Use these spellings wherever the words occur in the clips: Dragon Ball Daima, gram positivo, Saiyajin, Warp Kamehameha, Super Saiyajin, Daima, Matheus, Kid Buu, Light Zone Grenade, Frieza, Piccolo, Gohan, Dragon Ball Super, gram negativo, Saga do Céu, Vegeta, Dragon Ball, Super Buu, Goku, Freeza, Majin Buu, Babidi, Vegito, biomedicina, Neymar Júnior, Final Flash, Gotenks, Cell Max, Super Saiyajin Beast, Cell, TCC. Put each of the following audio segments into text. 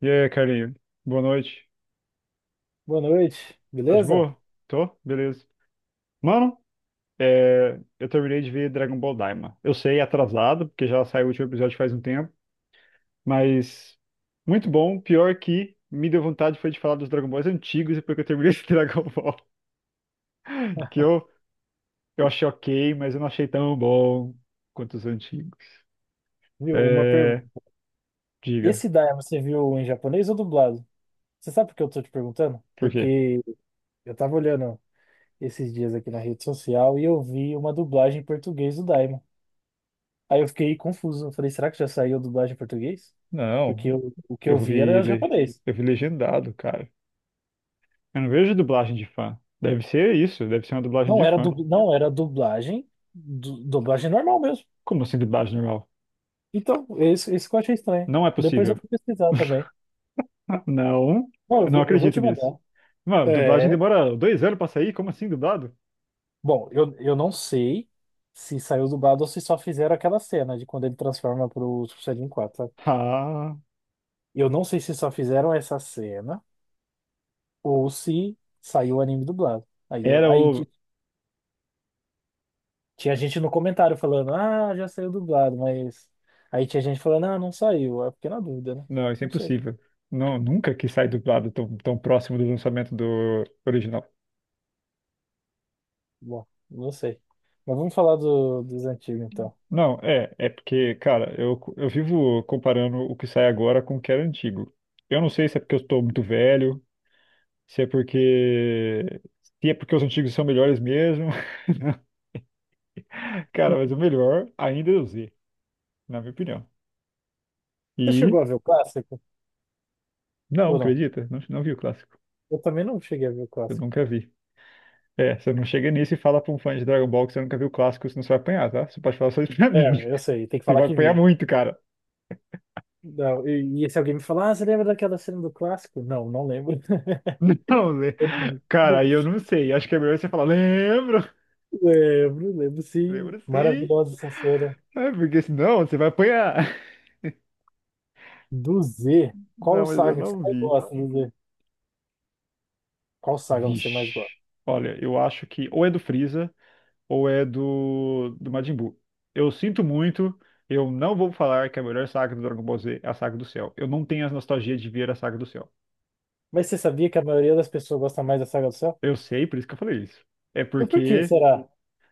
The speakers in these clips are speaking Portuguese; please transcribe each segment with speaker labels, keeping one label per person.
Speaker 1: E aí, carinho? Boa noite.
Speaker 2: Boa noite,
Speaker 1: Tá de
Speaker 2: beleza?
Speaker 1: boa? Tô? Beleza. Mano, eu terminei de ver Dragon Ball Daima. Eu sei, atrasado, porque já saiu o último episódio faz um tempo, mas muito bom. Pior que me deu vontade foi de falar dos Dragon Balls antigos depois que eu terminei esse Dragon Ball. Que eu, eu achei ok, mas eu não achei tão bom quanto os antigos.
Speaker 2: Viu, uma pergunta.
Speaker 1: É, diga,
Speaker 2: Esse Daia você viu em japonês ou dublado? Você sabe por que eu tô te perguntando?
Speaker 1: por quê?
Speaker 2: Porque eu tava olhando esses dias aqui na rede social e eu vi uma dublagem em português do Daima. Aí eu fiquei confuso. Eu falei, será que já saiu a dublagem em português?
Speaker 1: Não,
Speaker 2: Porque o que eu
Speaker 1: eu
Speaker 2: vi
Speaker 1: vi,
Speaker 2: era japonês.
Speaker 1: eu vi legendado, cara. Eu não vejo dublagem de fã. Deve ser isso, deve ser uma dublagem de
Speaker 2: Não era,
Speaker 1: fã.
Speaker 2: não era dublagem, dublagem normal mesmo.
Speaker 1: Como assim dublagem normal?
Speaker 2: Então, isso que eu achei estranho.
Speaker 1: Não é
Speaker 2: Depois eu
Speaker 1: possível.
Speaker 2: vou pesquisar também.
Speaker 1: Ah, não,
Speaker 2: Não,
Speaker 1: eu não
Speaker 2: eu vou
Speaker 1: acredito
Speaker 2: te
Speaker 1: nisso.
Speaker 2: mandar.
Speaker 1: Mano, dublagem
Speaker 2: É,
Speaker 1: demora dois anos pra sair? Como assim dublado?
Speaker 2: bom, eu não sei se saiu dublado ou se só fizeram aquela cena de quando ele transforma pro Super Saiyajin quatro, sabe?
Speaker 1: Ah,
Speaker 2: Eu não sei se só fizeram essa cena ou se saiu o anime dublado. Aí,
Speaker 1: era o.
Speaker 2: tinha gente no comentário falando, ah, já saiu dublado, mas. Aí tinha gente falando, ah, não saiu. É porque na dúvida, né?
Speaker 1: Não, isso é
Speaker 2: Não sei.
Speaker 1: impossível. Não, nunca que sai dublado tão, tão próximo do lançamento do original.
Speaker 2: Bom, não sei. Mas vamos falar dos antigos então.
Speaker 1: Não, é porque, cara, eu vivo comparando o que sai agora com o que era antigo. Eu não sei se é porque eu estou muito velho, se é porque se é porque os antigos são melhores mesmo. Cara, mas o melhor ainda é o Z, na minha opinião.
Speaker 2: Você chegou
Speaker 1: E
Speaker 2: a ver o clássico?
Speaker 1: não,
Speaker 2: Ou não?
Speaker 1: acredita? Não, não vi o clássico.
Speaker 2: Eu também não cheguei a ver o
Speaker 1: Eu
Speaker 2: clássico.
Speaker 1: nunca vi. É, você não chega nisso e fala pra um fã de Dragon Ball que você nunca viu o clássico, senão você vai apanhar, tá? Você pode falar só isso pra mim.
Speaker 2: É, eu sei, tem que
Speaker 1: Você
Speaker 2: falar
Speaker 1: vai
Speaker 2: que
Speaker 1: apanhar
Speaker 2: viu.
Speaker 1: muito, cara.
Speaker 2: Não, e se alguém me falar, ah, você lembra daquela cena do clássico? Não, não lembro.
Speaker 1: Não, Zé.
Speaker 2: Eu não-
Speaker 1: Cara,
Speaker 2: não-
Speaker 1: aí eu não sei. Acho que é melhor você falar, lembro,
Speaker 2: Lembro, lembro sim.
Speaker 1: lembro sim.
Speaker 2: Maravilhosa essa cena.
Speaker 1: É, porque senão você vai apanhar.
Speaker 2: Do Z, qual
Speaker 1: Não, mas eu
Speaker 2: saga que você
Speaker 1: não
Speaker 2: mais
Speaker 1: vi.
Speaker 2: gosta do Z? Qual saga você mais gosta?
Speaker 1: Vixe. Olha, eu acho que ou é do Freeza, ou é do, do Majin Buu. Eu sinto muito, eu não vou falar que a melhor saga do Dragon Ball Z é a Saga do Céu. Eu não tenho as nostalgias de ver a Saga do Céu.
Speaker 2: Mas você sabia que a maioria das pessoas gosta mais da Saga do Céu?
Speaker 1: Eu sei, por isso que eu falei isso. É
Speaker 2: Mas por que
Speaker 1: porque
Speaker 2: será?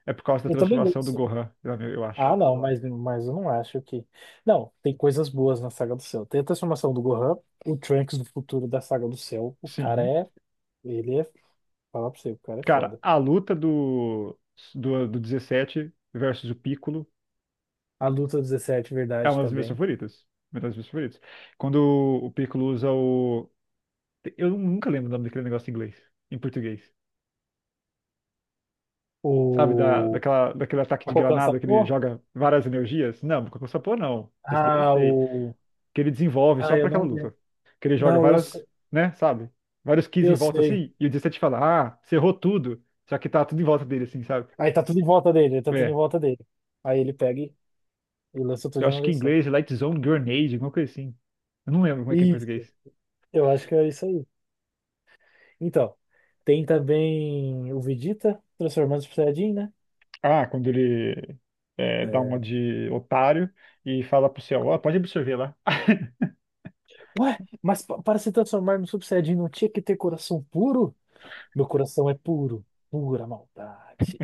Speaker 1: é por causa da
Speaker 2: Eu também
Speaker 1: transformação do
Speaker 2: gosto.
Speaker 1: Gohan, eu
Speaker 2: Ah,
Speaker 1: acho.
Speaker 2: não, mas eu não acho que. Não, tem coisas boas na Saga do Céu. Tem a transformação do Gohan, o Trunks do futuro da Saga do Céu. O cara
Speaker 1: Sim.
Speaker 2: é. Ele é. Falar pra você, o cara é
Speaker 1: Cara,
Speaker 2: foda.
Speaker 1: a luta do, do 17 versus o Piccolo
Speaker 2: A luta 17,
Speaker 1: é
Speaker 2: verdade,
Speaker 1: uma das minhas
Speaker 2: também.
Speaker 1: favoritas. Uma das minhas favoritas. Quando o Piccolo usa o. Eu nunca lembro o nome daquele negócio em inglês, em português. Sabe, da,
Speaker 2: O...
Speaker 1: daquele ataque
Speaker 2: A
Speaker 1: de
Speaker 2: Kokan
Speaker 1: granada que ele
Speaker 2: Sapor?
Speaker 1: joga várias energias? Não, Kokusapo não. Esse daí eu
Speaker 2: Ah,
Speaker 1: sei.
Speaker 2: o...
Speaker 1: Que ele desenvolve
Speaker 2: Ah,
Speaker 1: só
Speaker 2: eu
Speaker 1: pra aquela
Speaker 2: não lembro.
Speaker 1: luta. Que ele joga
Speaker 2: Não, eu,
Speaker 1: várias,
Speaker 2: se-
Speaker 1: né, sabe? Vários keys em
Speaker 2: eu
Speaker 1: volta
Speaker 2: sei.
Speaker 1: assim, e o 17 fala, ah, você errou tudo. Só que tá tudo em volta dele, assim, sabe?
Speaker 2: Aí tá tudo em volta dele, tá tudo em
Speaker 1: É.
Speaker 2: volta dele. Aí ele pega e lança tudo
Speaker 1: Eu
Speaker 2: de uma
Speaker 1: acho que em
Speaker 2: vez só.
Speaker 1: inglês é Light Zone Grenade, alguma coisa assim. Eu não lembro como é que é em
Speaker 2: Isso,
Speaker 1: português.
Speaker 2: eu acho que é isso aí. Então, tem também o Vegeta transformando o Super Saiyajin, né?
Speaker 1: Ah, quando ele dá uma
Speaker 2: É,
Speaker 1: de otário e fala pro céu, ó, pode absorver lá.
Speaker 2: ué, mas para se transformar no Super Saiyajin não tinha que ter coração puro? Meu coração é puro, pura maldade.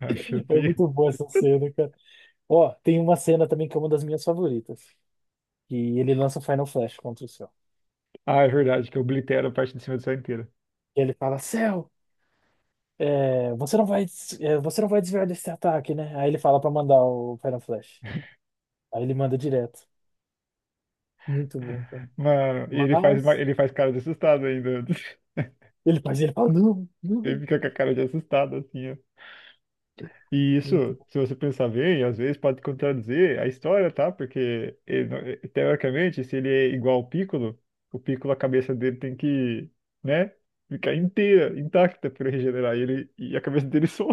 Speaker 1: Ah,
Speaker 2: Foi
Speaker 1: chutei.
Speaker 2: muito boa essa cena, cara. Ó, tem uma cena também que é uma das minhas favoritas. E ele lança o Final Flash contra o Cell.
Speaker 1: Ah, é verdade, que eu oblitero a parte de cima do céu inteira.
Speaker 2: E ele fala, Cell, você não vai, você não vai desviar desse ataque, né? Aí ele fala pra mandar o Final Flash. Aí ele manda direto. Muito bom, cara.
Speaker 1: Mano, e ele faz,
Speaker 2: Mas
Speaker 1: ele faz cara de assustado ainda.
Speaker 2: ele fala, não,
Speaker 1: Ele
Speaker 2: não.
Speaker 1: fica com a cara de assustado, assim, ó. E isso,
Speaker 2: Muito bom.
Speaker 1: se você pensar bem, às vezes pode contradizer a história, tá? Porque, ele não- eh, teoricamente, se ele é igual ao Piccolo, o Piccolo, a cabeça dele tem que, né? Ficar inteira, intacta para regenerar ele e a cabeça dele só,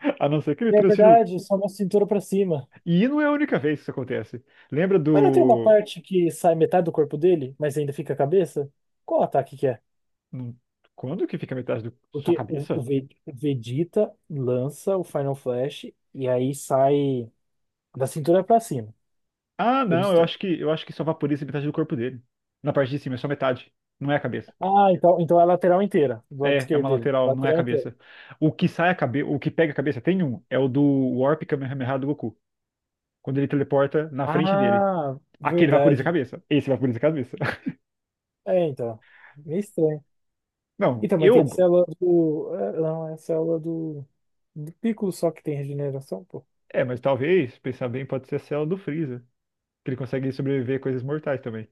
Speaker 1: a não ser que ele
Speaker 2: É
Speaker 1: transfira.
Speaker 2: verdade, só uma cintura pra cima.
Speaker 1: E não é a única vez que isso acontece. Lembra
Speaker 2: Mas não tem uma
Speaker 1: do.
Speaker 2: parte que sai metade do corpo dele, mas ainda fica a cabeça? Qual ataque que é?
Speaker 1: Quando que fica metade do sua
Speaker 2: Porque o, o
Speaker 1: cabeça?
Speaker 2: Ve- o Vegeta lança o Final Flash e aí sai. Da cintura pra cima.
Speaker 1: Ah,
Speaker 2: Ele
Speaker 1: não, eu acho que só vaporiza metade do corpo dele. Na parte de cima, é só metade. Não é a cabeça.
Speaker 2: ah, então, então é a lateral inteira, do lado
Speaker 1: É
Speaker 2: esquerdo
Speaker 1: uma
Speaker 2: dele.
Speaker 1: lateral, não é a
Speaker 2: Lateral inteira.
Speaker 1: cabeça. O que sai a cabeça, o que pega a cabeça, tem um, é o do Warp Kamehameha do Goku. Quando ele teleporta na frente dele.
Speaker 2: Ah,
Speaker 1: Aquele vaporiza a
Speaker 2: verdade.
Speaker 1: cabeça. Esse vaporiza a cabeça.
Speaker 2: É, então. Meio estranho.
Speaker 1: Não,
Speaker 2: Então, mas tem
Speaker 1: eu.
Speaker 2: a
Speaker 1: Go-
Speaker 2: célula do. É, não, é a célula do. Do Piccolo só que tem regeneração, pô.
Speaker 1: É, mas talvez, pensar bem, pode ser a célula do Freeza. Que ele consegue sobreviver a coisas mortais também.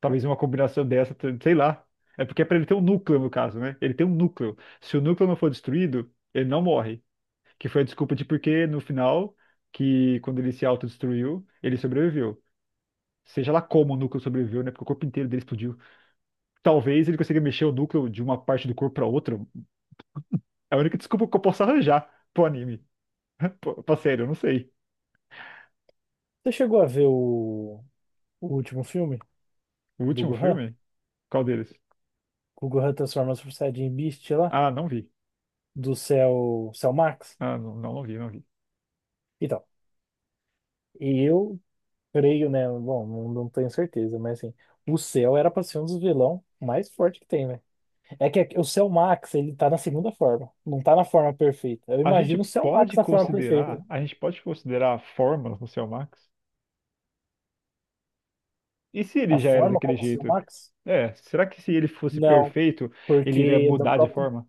Speaker 1: Talvez uma combinação dessa, sei lá. É porque é pra ele ter um núcleo, no caso, né? Ele tem um núcleo. Se o núcleo não for destruído, ele não morre. Que foi a desculpa de por que no final, que quando ele se autodestruiu, ele sobreviveu. Seja lá como o núcleo sobreviveu, né? Porque o corpo inteiro dele explodiu. Talvez ele consiga mexer o núcleo de uma parte do corpo pra outra. É a única desculpa que eu posso arranjar pro anime. Pô, pra sério, eu não sei.
Speaker 2: Você chegou a ver o último filme
Speaker 1: O
Speaker 2: do
Speaker 1: último
Speaker 2: Gohan?
Speaker 1: filme? Qual deles?
Speaker 2: Que o Gohan transforma o Super Saiyajin Beast lá?
Speaker 1: Ah, não vi.
Speaker 2: Do Cell, Cell Max?
Speaker 1: Ah, não, não vi, não vi.
Speaker 2: Então, eu creio, né? Bom, não, não tenho certeza, mas assim. O Cell era pra ser um dos vilão mais forte que tem, né? É que o Cell Max, ele tá na segunda forma. Não tá na forma perfeita. Eu
Speaker 1: A gente
Speaker 2: imagino o Cell Max
Speaker 1: pode
Speaker 2: na forma perfeita.
Speaker 1: considerar, a gente pode considerar formas no seu Max? E se ele
Speaker 2: A
Speaker 1: já era
Speaker 2: forma
Speaker 1: daquele
Speaker 2: como o Cell
Speaker 1: jeito?
Speaker 2: Max?
Speaker 1: É, será que se ele fosse
Speaker 2: Não,
Speaker 1: perfeito, ele iria
Speaker 2: porque da
Speaker 1: mudar de
Speaker 2: própria,
Speaker 1: forma?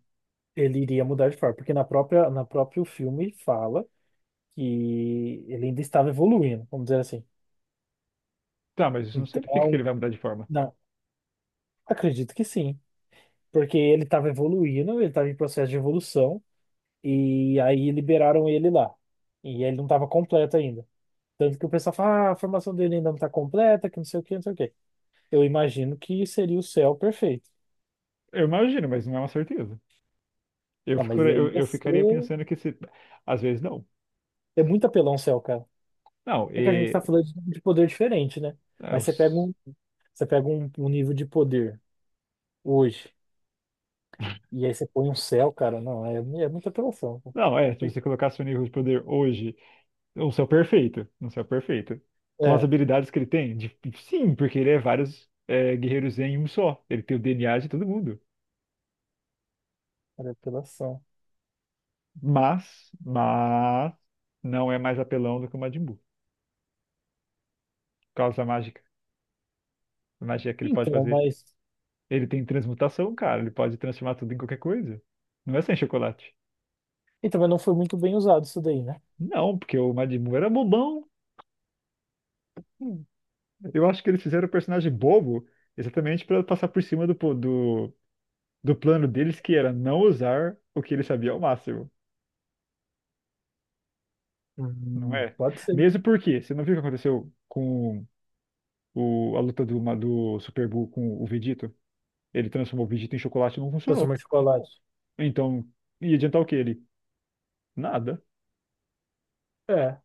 Speaker 2: ele iria mudar de forma. Porque na própria, na próprio filme fala que ele ainda estava evoluindo, vamos dizer assim.
Speaker 1: Tá, mas isso não significa que
Speaker 2: Então,
Speaker 1: ele vai mudar de forma.
Speaker 2: não, acredito que sim. Porque ele estava evoluindo, ele estava em processo de evolução. E aí liberaram ele lá. E ele não estava completo ainda. Tanto que o pessoal fala, ah, a formação dele ainda não está completa, que não sei o que, não sei o que. Eu imagino que seria o céu perfeito.
Speaker 1: Eu imagino, mas não é uma certeza.
Speaker 2: Não, mas aí ia
Speaker 1: Eu ficaria
Speaker 2: ser.
Speaker 1: pensando que se. Às vezes não.
Speaker 2: É muito apelão o céu, cara.
Speaker 1: Não,
Speaker 2: É que a gente
Speaker 1: e,
Speaker 2: tá falando de poder diferente, né?
Speaker 1: é,
Speaker 2: Mas
Speaker 1: os-
Speaker 2: você pega um, um nível de poder hoje, e aí você põe um céu, cara. Não, é, é muita apelação, pô.
Speaker 1: não, é, se
Speaker 2: Tem-
Speaker 1: você colocar seu nível de poder hoje, um céu perfeito, com as
Speaker 2: é,
Speaker 1: habilidades que ele tem, sim, porque ele é vários guerreiros em um só. Ele tem o DNA de todo mundo.
Speaker 2: era apelação.
Speaker 1: Mas não é mais apelão do que o Majin Buu, por causa da mágica. A magia que ele pode
Speaker 2: Então,
Speaker 1: fazer.
Speaker 2: mas.
Speaker 1: Ele tem transmutação, cara. Ele pode transformar tudo em qualquer coisa. Não é sem chocolate.
Speaker 2: Então, mas não foi muito bem usado isso daí, né?
Speaker 1: Não, porque o Majin Buu era bobão. Hum, Eu acho que eles fizeram o personagem bobo exatamente para passar por cima do, do plano deles, que era não usar o que ele sabia ao máximo. Não é?
Speaker 2: Pode ser.
Speaker 1: Mesmo porque, você não viu o que aconteceu com o, a luta do, do Super Buu com o Vegito? Ele transformou o Vegito em chocolate e não
Speaker 2: Transformar
Speaker 1: funcionou.
Speaker 2: em chocolate.
Speaker 1: Então, ia adiantar o que ele? Nada.
Speaker 2: É,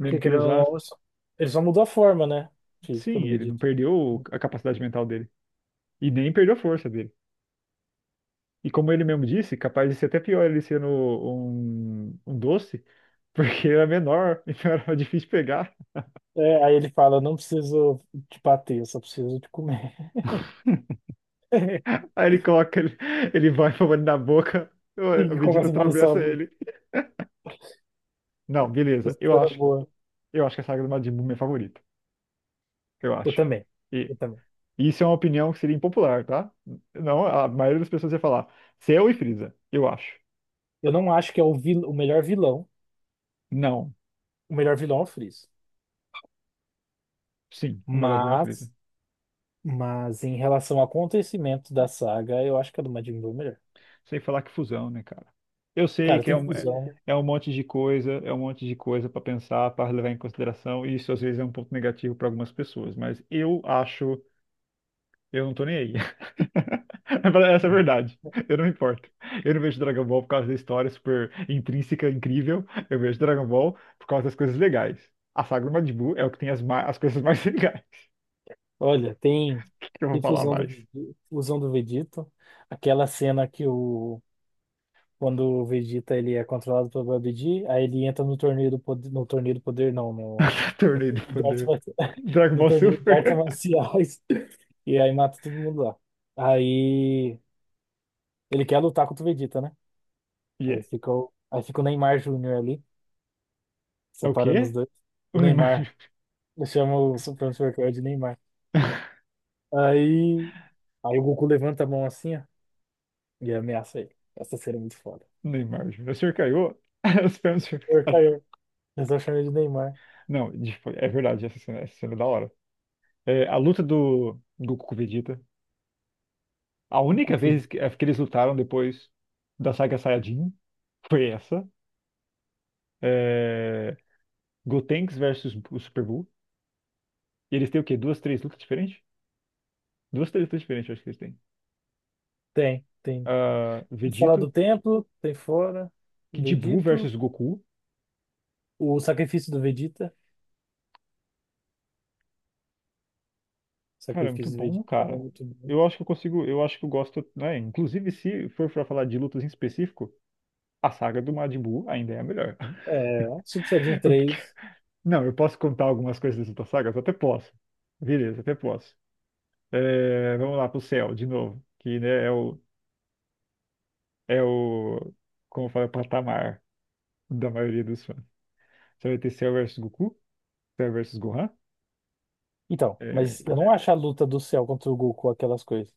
Speaker 1: Mesmo que ele
Speaker 2: querendo ou
Speaker 1: usasse,
Speaker 2: não, ele só mudou a forma, né? Física
Speaker 1: sim,
Speaker 2: do
Speaker 1: ele não
Speaker 2: Vegeta.
Speaker 1: perdeu a capacidade mental dele. E nem perdeu a força dele. E como ele mesmo disse, capaz de ser até pior ele sendo um, um doce, porque era menor, então era difícil pegar.
Speaker 2: É, aí ele fala, não preciso te bater, eu só preciso te comer.
Speaker 1: Aí ele coloca, ele vai com a mão na boca, o
Speaker 2: E
Speaker 1: Vegeta
Speaker 2: começa a balançar
Speaker 1: atravessa
Speaker 2: uma
Speaker 1: ele. Não, beleza.
Speaker 2: cena boa.
Speaker 1: Eu acho que a saga do Majin Buu é minha favorita. Eu
Speaker 2: Eu
Speaker 1: acho.
Speaker 2: também,
Speaker 1: E
Speaker 2: eu também.
Speaker 1: isso é uma opinião que seria impopular, tá? Não, a maioria das pessoas ia falar, Cell e Frieza, eu acho.
Speaker 2: Eu não acho que é o melhor vilão.
Speaker 1: Não,
Speaker 2: O melhor vilão é o Freeza.
Speaker 1: sim, o melhor vilão é o Frieza.
Speaker 2: Mas, mas em relação ao acontecimento da saga, eu acho que a do Majin Buu é melhor.
Speaker 1: Sem falar que fusão, né, cara? Eu sei
Speaker 2: Cara,
Speaker 1: que é
Speaker 2: tem
Speaker 1: um,
Speaker 2: fusão.
Speaker 1: é um monte de coisa, é um monte de coisa para pensar, para levar em consideração, e isso às vezes é um ponto negativo para algumas pessoas, mas eu acho, eu não tô nem aí. Essa é a verdade. Eu não me importo. Eu não vejo Dragon Ball por causa da história super intrínseca, incrível. Eu vejo Dragon Ball por causa das coisas legais. A saga do Majin Buu é o que tem as, as coisas mais legais.
Speaker 2: Olha, tem,
Speaker 1: Que eu vou
Speaker 2: tem
Speaker 1: falar
Speaker 2: fusão
Speaker 1: mais.
Speaker 2: Fusão do Vegeta. Aquela cena que quando o Vegeta ele é controlado pelo Babidi, aí ele entra no torneio do poder, no torneio do poder não, no, no,
Speaker 1: Torneio do
Speaker 2: torneio de artes
Speaker 1: Poder.
Speaker 2: marciais.
Speaker 1: Dragon
Speaker 2: No
Speaker 1: Ball
Speaker 2: torneio de artes
Speaker 1: Super.
Speaker 2: marciais e aí mata todo mundo lá. Aí ele quer lutar contra o Vegeta, né?
Speaker 1: Yeah.
Speaker 2: Aí fica o Neymar Júnior ali,
Speaker 1: É é o
Speaker 2: separando os
Speaker 1: quê?
Speaker 2: dois. O
Speaker 1: O Neymar.
Speaker 2: Neymar, ele chama o Supremo Supercard de Neymar. Aí, aí o Goku levanta a mão assim, ó, e ameaça ele. Essa cena é muito foda.
Speaker 1: Neymar Júnior. O senhor caiu? Os pés do senhor caiu.
Speaker 2: Porcaria, eu só chamei de Neymar.
Speaker 1: Não, é verdade, essa cena é da hora. É, a luta do Goku com Vegeta. A única
Speaker 2: Goku, filho.
Speaker 1: vez que, é, que eles lutaram depois da saga Saiyajin foi essa. É, Gotenks versus o Super Buu. E eles têm o quê? Duas, três lutas diferentes? Duas, três lutas diferentes, eu acho que eles têm.
Speaker 2: Tem, tem.
Speaker 1: Ah,
Speaker 2: A Sala
Speaker 1: Vegito,
Speaker 2: do Templo, tem fora,
Speaker 1: Kid Buu
Speaker 2: Vegito,
Speaker 1: versus Goku.
Speaker 2: o Sacrifício do Vegeta, o
Speaker 1: Cara, é muito
Speaker 2: Sacrifício do
Speaker 1: bom,
Speaker 2: Vegeta também é
Speaker 1: cara.
Speaker 2: muito bom.
Speaker 1: Eu acho que eu gosto, né? Inclusive, se for pra falar de lutas em específico. A saga do Majin Buu ainda é a melhor.
Speaker 2: É, Super Saiyajin
Speaker 1: O que
Speaker 2: três.
Speaker 1: não, eu posso contar algumas coisas das outras sagas? Até posso. Beleza, até posso. É, vamos lá pro céu, de novo. Que, né, é o, é o, como fala, o patamar da maioria dos fãs. Você vai ter Cell versus Goku, Cell versus Gohan.
Speaker 2: Então,
Speaker 1: É,
Speaker 2: mas eu não acho a luta do céu contra o Goku aquelas coisas.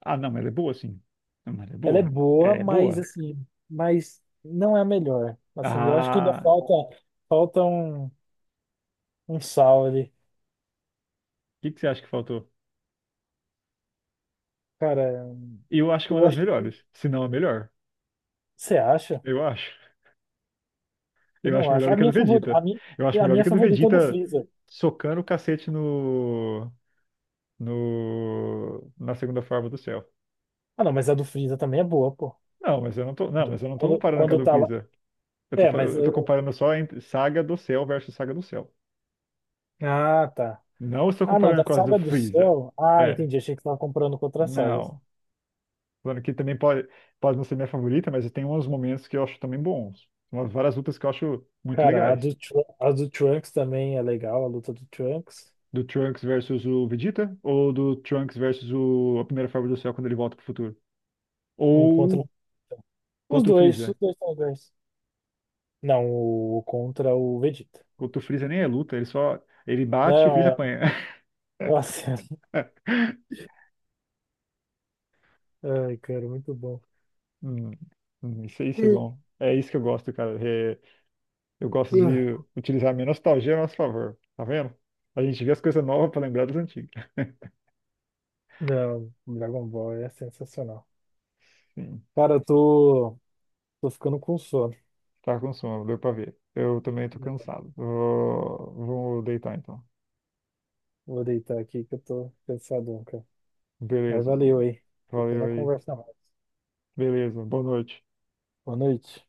Speaker 1: ah, não, mas ela é boa, sim. Não, mas ela é
Speaker 2: Ela é
Speaker 1: boa. Ela
Speaker 2: boa,
Speaker 1: é
Speaker 2: mas
Speaker 1: boa.
Speaker 2: assim, mas não é a melhor. Assim, eu acho que ainda
Speaker 1: Ah,
Speaker 2: falta falta um um sal ali.
Speaker 1: o que que você acha que faltou?
Speaker 2: Cara,
Speaker 1: Eu acho que é uma
Speaker 2: eu
Speaker 1: das
Speaker 2: acho que
Speaker 1: melhores, se não a melhor.
Speaker 2: você acha?
Speaker 1: Eu acho.
Speaker 2: Eu
Speaker 1: Eu
Speaker 2: não
Speaker 1: acho melhor
Speaker 2: acho.
Speaker 1: do que a do Vegeta. Eu acho
Speaker 2: A
Speaker 1: melhor do
Speaker 2: minha
Speaker 1: que a do
Speaker 2: favorita é a do
Speaker 1: Vegeta
Speaker 2: Freeza.
Speaker 1: socando o cacete no, no, na segunda forma do céu.
Speaker 2: Ah, não, mas a do Freeza também é boa, pô.
Speaker 1: Não, mas eu não tô
Speaker 2: Quando,
Speaker 1: comparando com a
Speaker 2: quando
Speaker 1: do
Speaker 2: tá lá.
Speaker 1: Freeza.
Speaker 2: É, mas
Speaker 1: Eu tô
Speaker 2: eu...
Speaker 1: comparando só entre Saga do Céu versus Saga do Céu.
Speaker 2: Ah, tá.
Speaker 1: Não estou
Speaker 2: Ah, não, da
Speaker 1: comparando com as do
Speaker 2: Saga do
Speaker 1: Freeza.
Speaker 2: Céu. Ah,
Speaker 1: É,
Speaker 2: entendi. Achei que você tava comprando com outras sagas.
Speaker 1: não. Falando que também pode, pode não ser minha favorita, mas tem uns momentos que eu acho também bons. Umas várias lutas que eu acho muito
Speaker 2: Cara,
Speaker 1: legais.
Speaker 2: a do Trunks também é legal, a luta do Trunks.
Speaker 1: Do Trunks versus o Vegeta ou do Trunks versus o, a primeira forma do céu quando ele volta pro futuro?
Speaker 2: O contra.
Speaker 1: Ou contra o
Speaker 2: Os
Speaker 1: Freeza.
Speaker 2: dois são legais. Não, o contra o Vegeta.
Speaker 1: Contra o Freeza nem é luta, ele bate e o
Speaker 2: Não,
Speaker 1: Freeza
Speaker 2: é.
Speaker 1: apanha.
Speaker 2: Nossa. Ai, cara, muito bom.
Speaker 1: Hum, isso aí, isso é bom. É isso que eu gosto, cara. Eu gosto de utilizar a minha nostalgia a nosso favor. Tá vendo? A gente vê as coisas novas pra lembrar das antigas.
Speaker 2: Não, Dragon Ball é sensacional.
Speaker 1: Sim,
Speaker 2: Cara, eu tô, tô ficando com sono.
Speaker 1: tá com sono, deu pra ver. Eu também tô cansado. Vou deitar então.
Speaker 2: Vou deitar aqui que eu tô cansadão, cara. Mas
Speaker 1: Beleza,
Speaker 2: valeu
Speaker 1: mano.
Speaker 2: aí. Depois
Speaker 1: Valeu
Speaker 2: na
Speaker 1: aí.
Speaker 2: conversa mais.
Speaker 1: Beleza, boa noite.
Speaker 2: Boa noite.